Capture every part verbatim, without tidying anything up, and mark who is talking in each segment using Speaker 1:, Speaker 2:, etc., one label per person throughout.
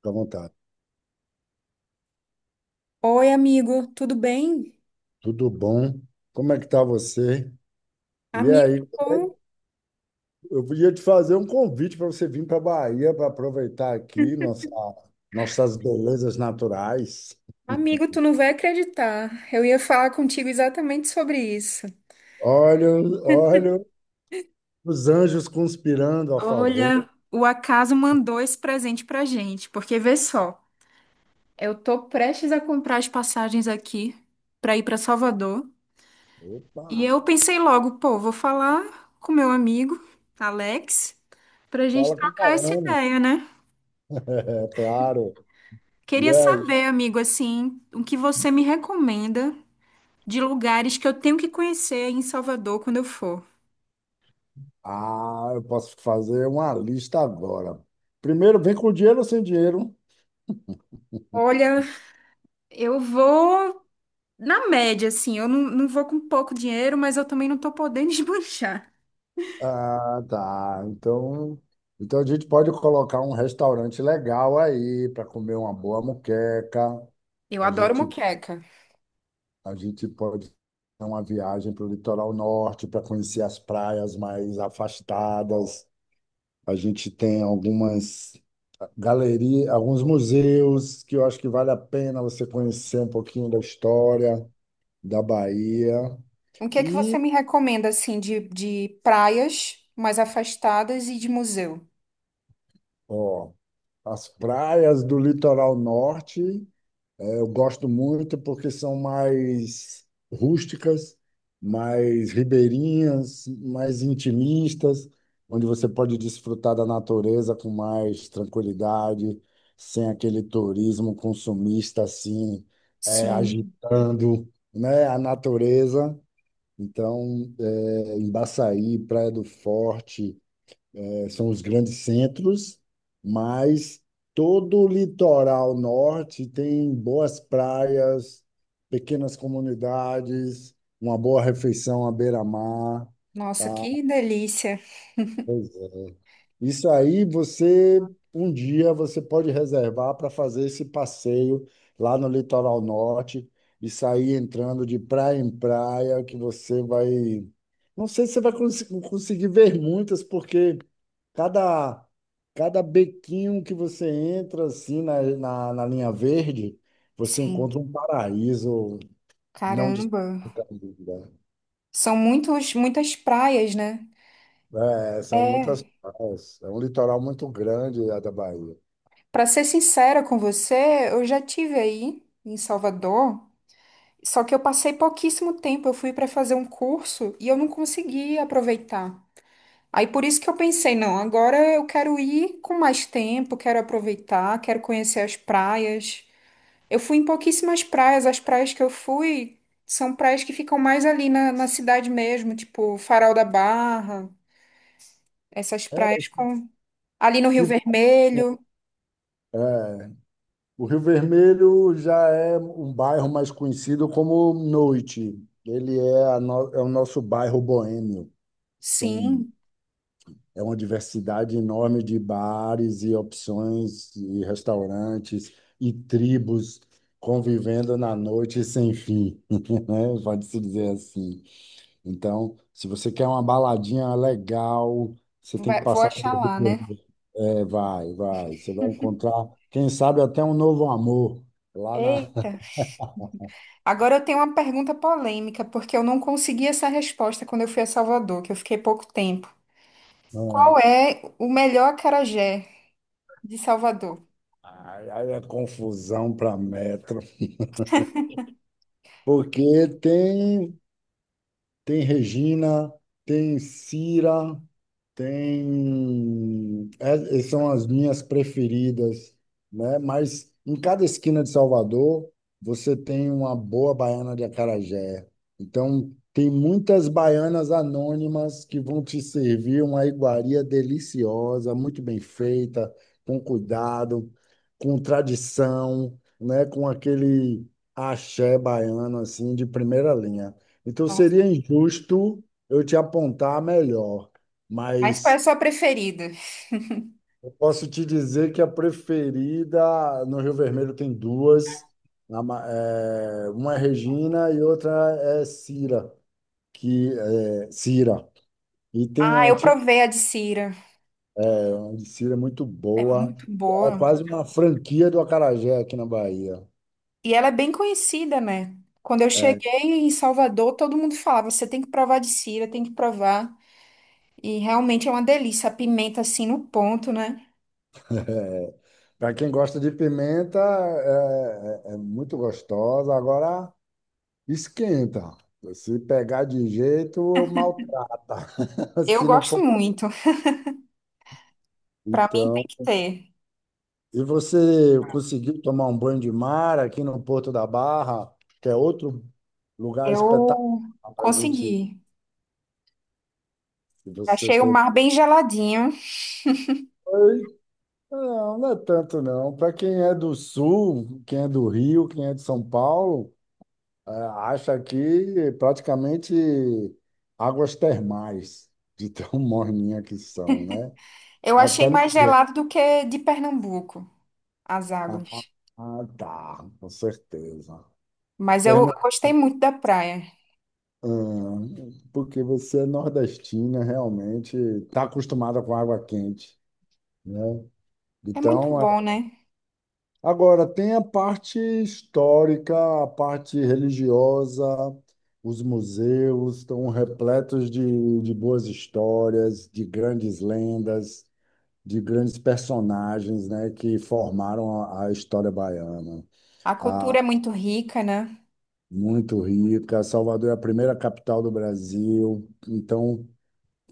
Speaker 1: Fica à vontade.
Speaker 2: Oi, amigo, tudo bem?
Speaker 1: Tudo bom? Como é que tá você? E
Speaker 2: Amigo,
Speaker 1: aí,
Speaker 2: bom.
Speaker 1: eu podia te fazer um convite para você vir para a Bahia para aproveitar aqui nossa, nossas belezas naturais.
Speaker 2: Amigo, tu não vai acreditar. Eu ia falar contigo exatamente sobre isso.
Speaker 1: Olha, olha os anjos conspirando a
Speaker 2: Olha,
Speaker 1: favor.
Speaker 2: o acaso mandou esse presente pra gente, porque vê só, eu tô prestes a comprar as passagens aqui pra ir pra Salvador, e
Speaker 1: Opa,
Speaker 2: eu pensei logo, pô, vou falar com meu amigo Alex pra gente
Speaker 1: fala com o
Speaker 2: trocar essa
Speaker 1: baiano.
Speaker 2: ideia, né?
Speaker 1: É claro. E
Speaker 2: Queria
Speaker 1: aí?
Speaker 2: saber, amigo, assim, o que você me recomenda de lugares que eu tenho que conhecer em Salvador quando eu for.
Speaker 1: Ah, eu posso fazer uma lista agora. Primeiro, vem com dinheiro ou sem dinheiro?
Speaker 2: Olha, eu vou na média, assim. Eu não, não vou com pouco dinheiro, mas eu também não tô podendo esbanjar.
Speaker 1: Ah, tá. Então, então a gente pode colocar um restaurante legal aí para comer uma boa moqueca.
Speaker 2: Eu
Speaker 1: A
Speaker 2: adoro
Speaker 1: gente,
Speaker 2: moqueca.
Speaker 1: a gente pode fazer uma viagem para o litoral norte para conhecer as praias mais afastadas. A gente tem algumas galerias, alguns museus que eu acho que vale a pena você conhecer um pouquinho da história da Bahia.
Speaker 2: O que é que você
Speaker 1: E,
Speaker 2: me recomenda, assim, de, de praias mais afastadas e de museu?
Speaker 1: ó, as praias do litoral norte. É, eu gosto muito porque são mais rústicas, mais ribeirinhas, mais intimistas, onde você pode desfrutar da natureza com mais tranquilidade, sem aquele turismo consumista assim, eh,
Speaker 2: Sim.
Speaker 1: agitando, né, a natureza. Então, eh, em Baçaí, Praia do Forte, é, são os grandes centros, mas todo o litoral norte tem boas praias, pequenas comunidades, uma boa refeição à beira-mar.
Speaker 2: Nossa,
Speaker 1: Tá?
Speaker 2: que delícia.
Speaker 1: Pois é. Isso aí você um dia você pode reservar para fazer esse passeio lá no litoral norte e sair entrando de praia em praia, que você vai, não sei se você vai cons- conseguir ver muitas, porque cada cada bequinho que você entra assim na, na, na linha verde, você
Speaker 2: Sim.
Speaker 1: encontra um paraíso não
Speaker 2: Caramba.
Speaker 1: desconhecido.
Speaker 2: São muitos, muitas praias, né?
Speaker 1: Né? É, são muitas
Speaker 2: É.
Speaker 1: praias. É um litoral muito grande a da Bahia.
Speaker 2: Para ser sincera com você, eu já tive aí em Salvador. Só que eu passei pouquíssimo tempo, eu fui para fazer um curso e eu não consegui aproveitar. Aí por isso que eu pensei, não, agora eu quero ir com mais tempo, quero aproveitar, quero conhecer as praias. Eu fui em pouquíssimas praias, as praias que eu fui são praias que ficam mais ali na, na cidade mesmo, tipo Farol da Barra, essas praias
Speaker 1: É,
Speaker 2: com ali no Rio
Speaker 1: que
Speaker 2: Vermelho.
Speaker 1: é, o Rio Vermelho já é um bairro mais conhecido como noite. Ele é, a no- é o nosso bairro boêmio. São,
Speaker 2: Sim,
Speaker 1: é uma diversidade enorme de bares e opções e restaurantes e tribos convivendo na noite sem fim, né? Pode-se dizer assim. Então, se você quer uma baladinha legal, você tem que
Speaker 2: vai- vou
Speaker 1: passar
Speaker 2: achar
Speaker 1: pelo Rio
Speaker 2: lá, né?
Speaker 1: Vermelho. É, vai, vai. Você vai encontrar, quem sabe, até um novo amor lá na.
Speaker 2: Eita. Agora eu tenho uma pergunta polêmica, porque eu não consegui essa resposta quando eu fui a Salvador, que eu fiquei pouco tempo. Qual é o melhor acarajé de Salvador?
Speaker 1: Ah, Aí aí é confusão para metro. Porque tem, tem Regina, tem Cira. Tem, é- são as minhas preferidas, né? Mas em cada esquina de Salvador, você tem uma boa baiana de acarajé. Então, tem muitas baianas anônimas que vão te servir uma iguaria deliciosa, muito bem feita, com cuidado, com tradição, né? Com aquele axé baiano, assim, de primeira linha. Então,
Speaker 2: Nossa,
Speaker 1: seria injusto eu te apontar a melhor.
Speaker 2: mas qual é a
Speaker 1: Mas
Speaker 2: sua preferida?
Speaker 1: eu posso te dizer que a preferida no Rio Vermelho tem duas. Na ma- é, uma é Regina e outra é Cira, que é Cira. E tem
Speaker 2: Ah,
Speaker 1: a
Speaker 2: eu
Speaker 1: tinha
Speaker 2: provei a de Cira.
Speaker 1: uma de Cira muito
Speaker 2: É
Speaker 1: boa.
Speaker 2: muito
Speaker 1: Que é
Speaker 2: boa.
Speaker 1: quase uma franquia do acarajé aqui na Bahia.
Speaker 2: E ela é bem conhecida, né? Quando eu cheguei em Salvador, todo mundo falava: você tem que provar a de Cira, tem que provar. E realmente é uma delícia, a pimenta assim no ponto, né?
Speaker 1: Para quem gosta de pimenta, é, é- é muito gostosa. Agora esquenta. Se pegar de jeito, maltrata.
Speaker 2: Eu
Speaker 1: Se não
Speaker 2: gosto
Speaker 1: for.
Speaker 2: muito. Pra mim tem
Speaker 1: Então,
Speaker 2: que ter.
Speaker 1: e você conseguiu tomar um banho de mar aqui no Porto da Barra, que é outro lugar espetacular
Speaker 2: Eu
Speaker 1: para a gente,
Speaker 2: consegui.
Speaker 1: se você
Speaker 2: Achei o
Speaker 1: teve.
Speaker 2: mar bem geladinho.
Speaker 1: Oi? Não, não é tanto não. Para quem é do Sul, quem é do Rio, quem é de São Paulo, é, acha aqui praticamente águas termais, de tão morninha que são, né?
Speaker 2: Eu achei
Speaker 1: Até no...
Speaker 2: mais gelado do que de Pernambuco, as
Speaker 1: Ah,
Speaker 2: águas.
Speaker 1: ah, tá, com certeza.
Speaker 2: Mas eu eu gostei muito da praia.
Speaker 1: Ah, porque você é nordestina, realmente está acostumada com água quente, né?
Speaker 2: É muito
Speaker 1: Então, é.
Speaker 2: bom, né?
Speaker 1: Agora, tem a parte histórica, a parte religiosa, os museus estão repletos de, de boas histórias, de grandes lendas, de grandes personagens, né, que formaram a, a história baiana.
Speaker 2: A
Speaker 1: Ah,
Speaker 2: cultura é muito rica, né?
Speaker 1: muito rica. Salvador é a primeira capital do Brasil, então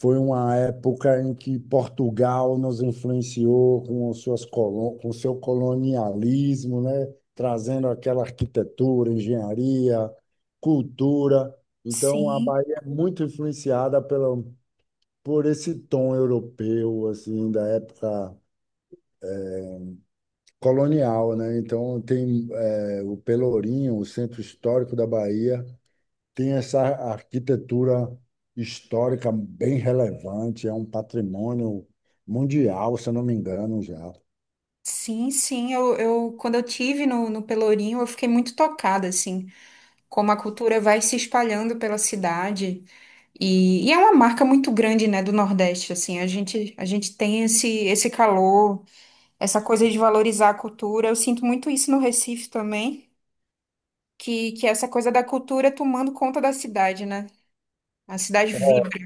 Speaker 1: foi uma época em que Portugal nos influenciou com suas colo- com seu colonialismo, né? Trazendo aquela arquitetura, engenharia, cultura. Então, a
Speaker 2: Sim,
Speaker 1: Bahia é muito influenciada pela, por esse tom europeu, assim, da época colonial, né? Então, tem eh, o Pelourinho, o centro histórico da Bahia. Tem essa arquitetura histórica bem relevante, é um patrimônio mundial, se eu não me engano, já.
Speaker 2: sim, sim. Eu, eu quando eu tive no, no Pelourinho, eu fiquei muito tocada, assim, como a cultura vai se espalhando pela cidade. E, e é uma marca muito grande, né, do Nordeste, assim. A gente, a gente tem esse, esse calor, essa coisa de valorizar a cultura. Eu sinto muito isso no Recife também. que, que é essa coisa da cultura tomando conta da cidade, né? A cidade vibra.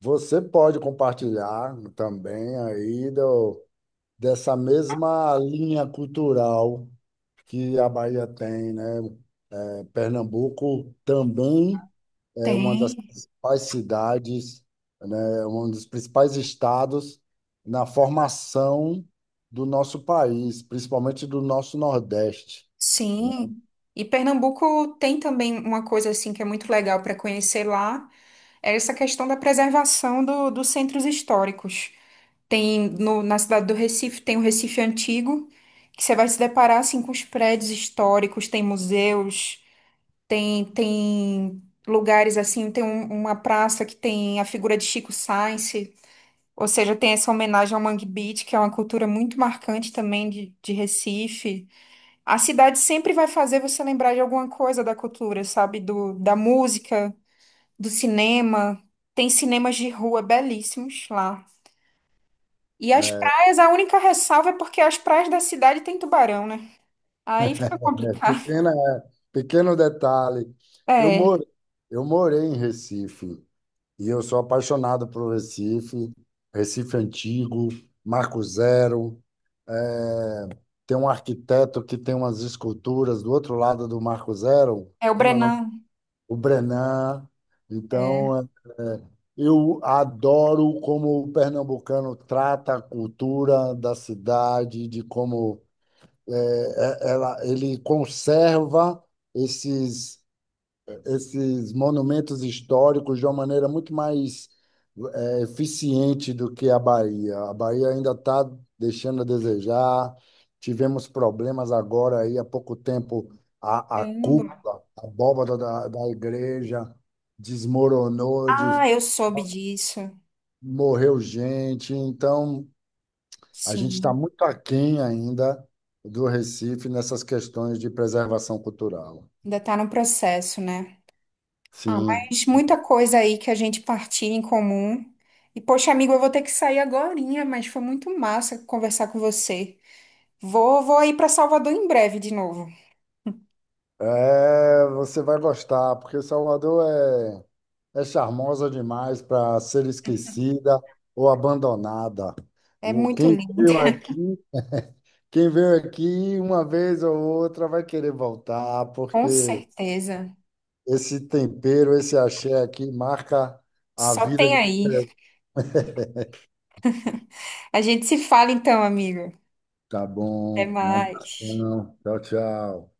Speaker 1: Você pode compartilhar também aí do, dessa mesma linha cultural que a Bahia tem, né? É, Pernambuco também é uma das
Speaker 2: Tem,
Speaker 1: principais cidades, né? É um dos principais estados na formação do nosso país, principalmente do nosso Nordeste.
Speaker 2: sim. E Pernambuco tem também uma coisa assim que é muito legal para conhecer lá, é essa questão da preservação do- dos centros históricos. Tem no- na cidade do Recife, tem o Recife Antigo, que você vai se deparar assim com os prédios históricos, tem museus, tem tem lugares assim, tem um- uma praça que tem a figura de Chico Sainz, ou seja, tem essa homenagem ao Mangue Beach, que é uma cultura muito marcante também de, de Recife. A cidade sempre vai fazer você lembrar de alguma coisa da cultura, sabe? Do, da música, do cinema. Tem cinemas de rua belíssimos lá. E as
Speaker 1: É,
Speaker 2: praias, a única ressalva é porque as praias da cidade tem tubarão, né? Aí fica complicado.
Speaker 1: pequena, é, pequeno detalhe. Eu
Speaker 2: É,
Speaker 1: moro, eu morei em Recife e eu sou apaixonado por Recife, Recife antigo, Marco Zero. É, tem um arquiteto que tem umas esculturas do outro lado do Marco Zero,
Speaker 2: é o
Speaker 1: como é o nome?
Speaker 2: Brenan.
Speaker 1: O Brenan.
Speaker 2: É,
Speaker 1: Então, é, eu adoro como o pernambucano trata a cultura da cidade, de como é, é, ela, ele conserva esses, esses monumentos históricos de uma maneira muito mais é, eficiente do que a Bahia. A Bahia ainda está deixando a desejar. Tivemos problemas agora aí há pouco tempo a, a
Speaker 2: caramba.
Speaker 1: cúpula, a abóbada da, da igreja desmoronou, de,
Speaker 2: Ah, eu soube disso.
Speaker 1: morreu gente. Então a gente está
Speaker 2: Sim,
Speaker 1: muito aquém ainda do Recife nessas questões de preservação cultural.
Speaker 2: ainda tá no processo, né? Ah,
Speaker 1: Sim.
Speaker 2: mas muita coisa aí que a gente partilha em comum. E, poxa, amigo, eu vou ter que sair agorinha, mas foi muito massa conversar com você. Vou, vou ir para Salvador em breve de novo.
Speaker 1: É, você vai gostar, porque Salvador é, é charmosa demais para ser esquecida ou abandonada.
Speaker 2: É
Speaker 1: O-
Speaker 2: muito
Speaker 1: Quem
Speaker 2: linda,
Speaker 1: veio aqui, quem veio aqui uma vez ou outra vai querer voltar,
Speaker 2: com
Speaker 1: porque
Speaker 2: certeza.
Speaker 1: esse tempero, esse axé aqui marca a
Speaker 2: Só
Speaker 1: vida
Speaker 2: tem
Speaker 1: de
Speaker 2: aí.
Speaker 1: qualquer um.
Speaker 2: A gente se fala então, amigo.
Speaker 1: Tá
Speaker 2: Até
Speaker 1: bom, um
Speaker 2: mais.
Speaker 1: abração. Tchau, tchau.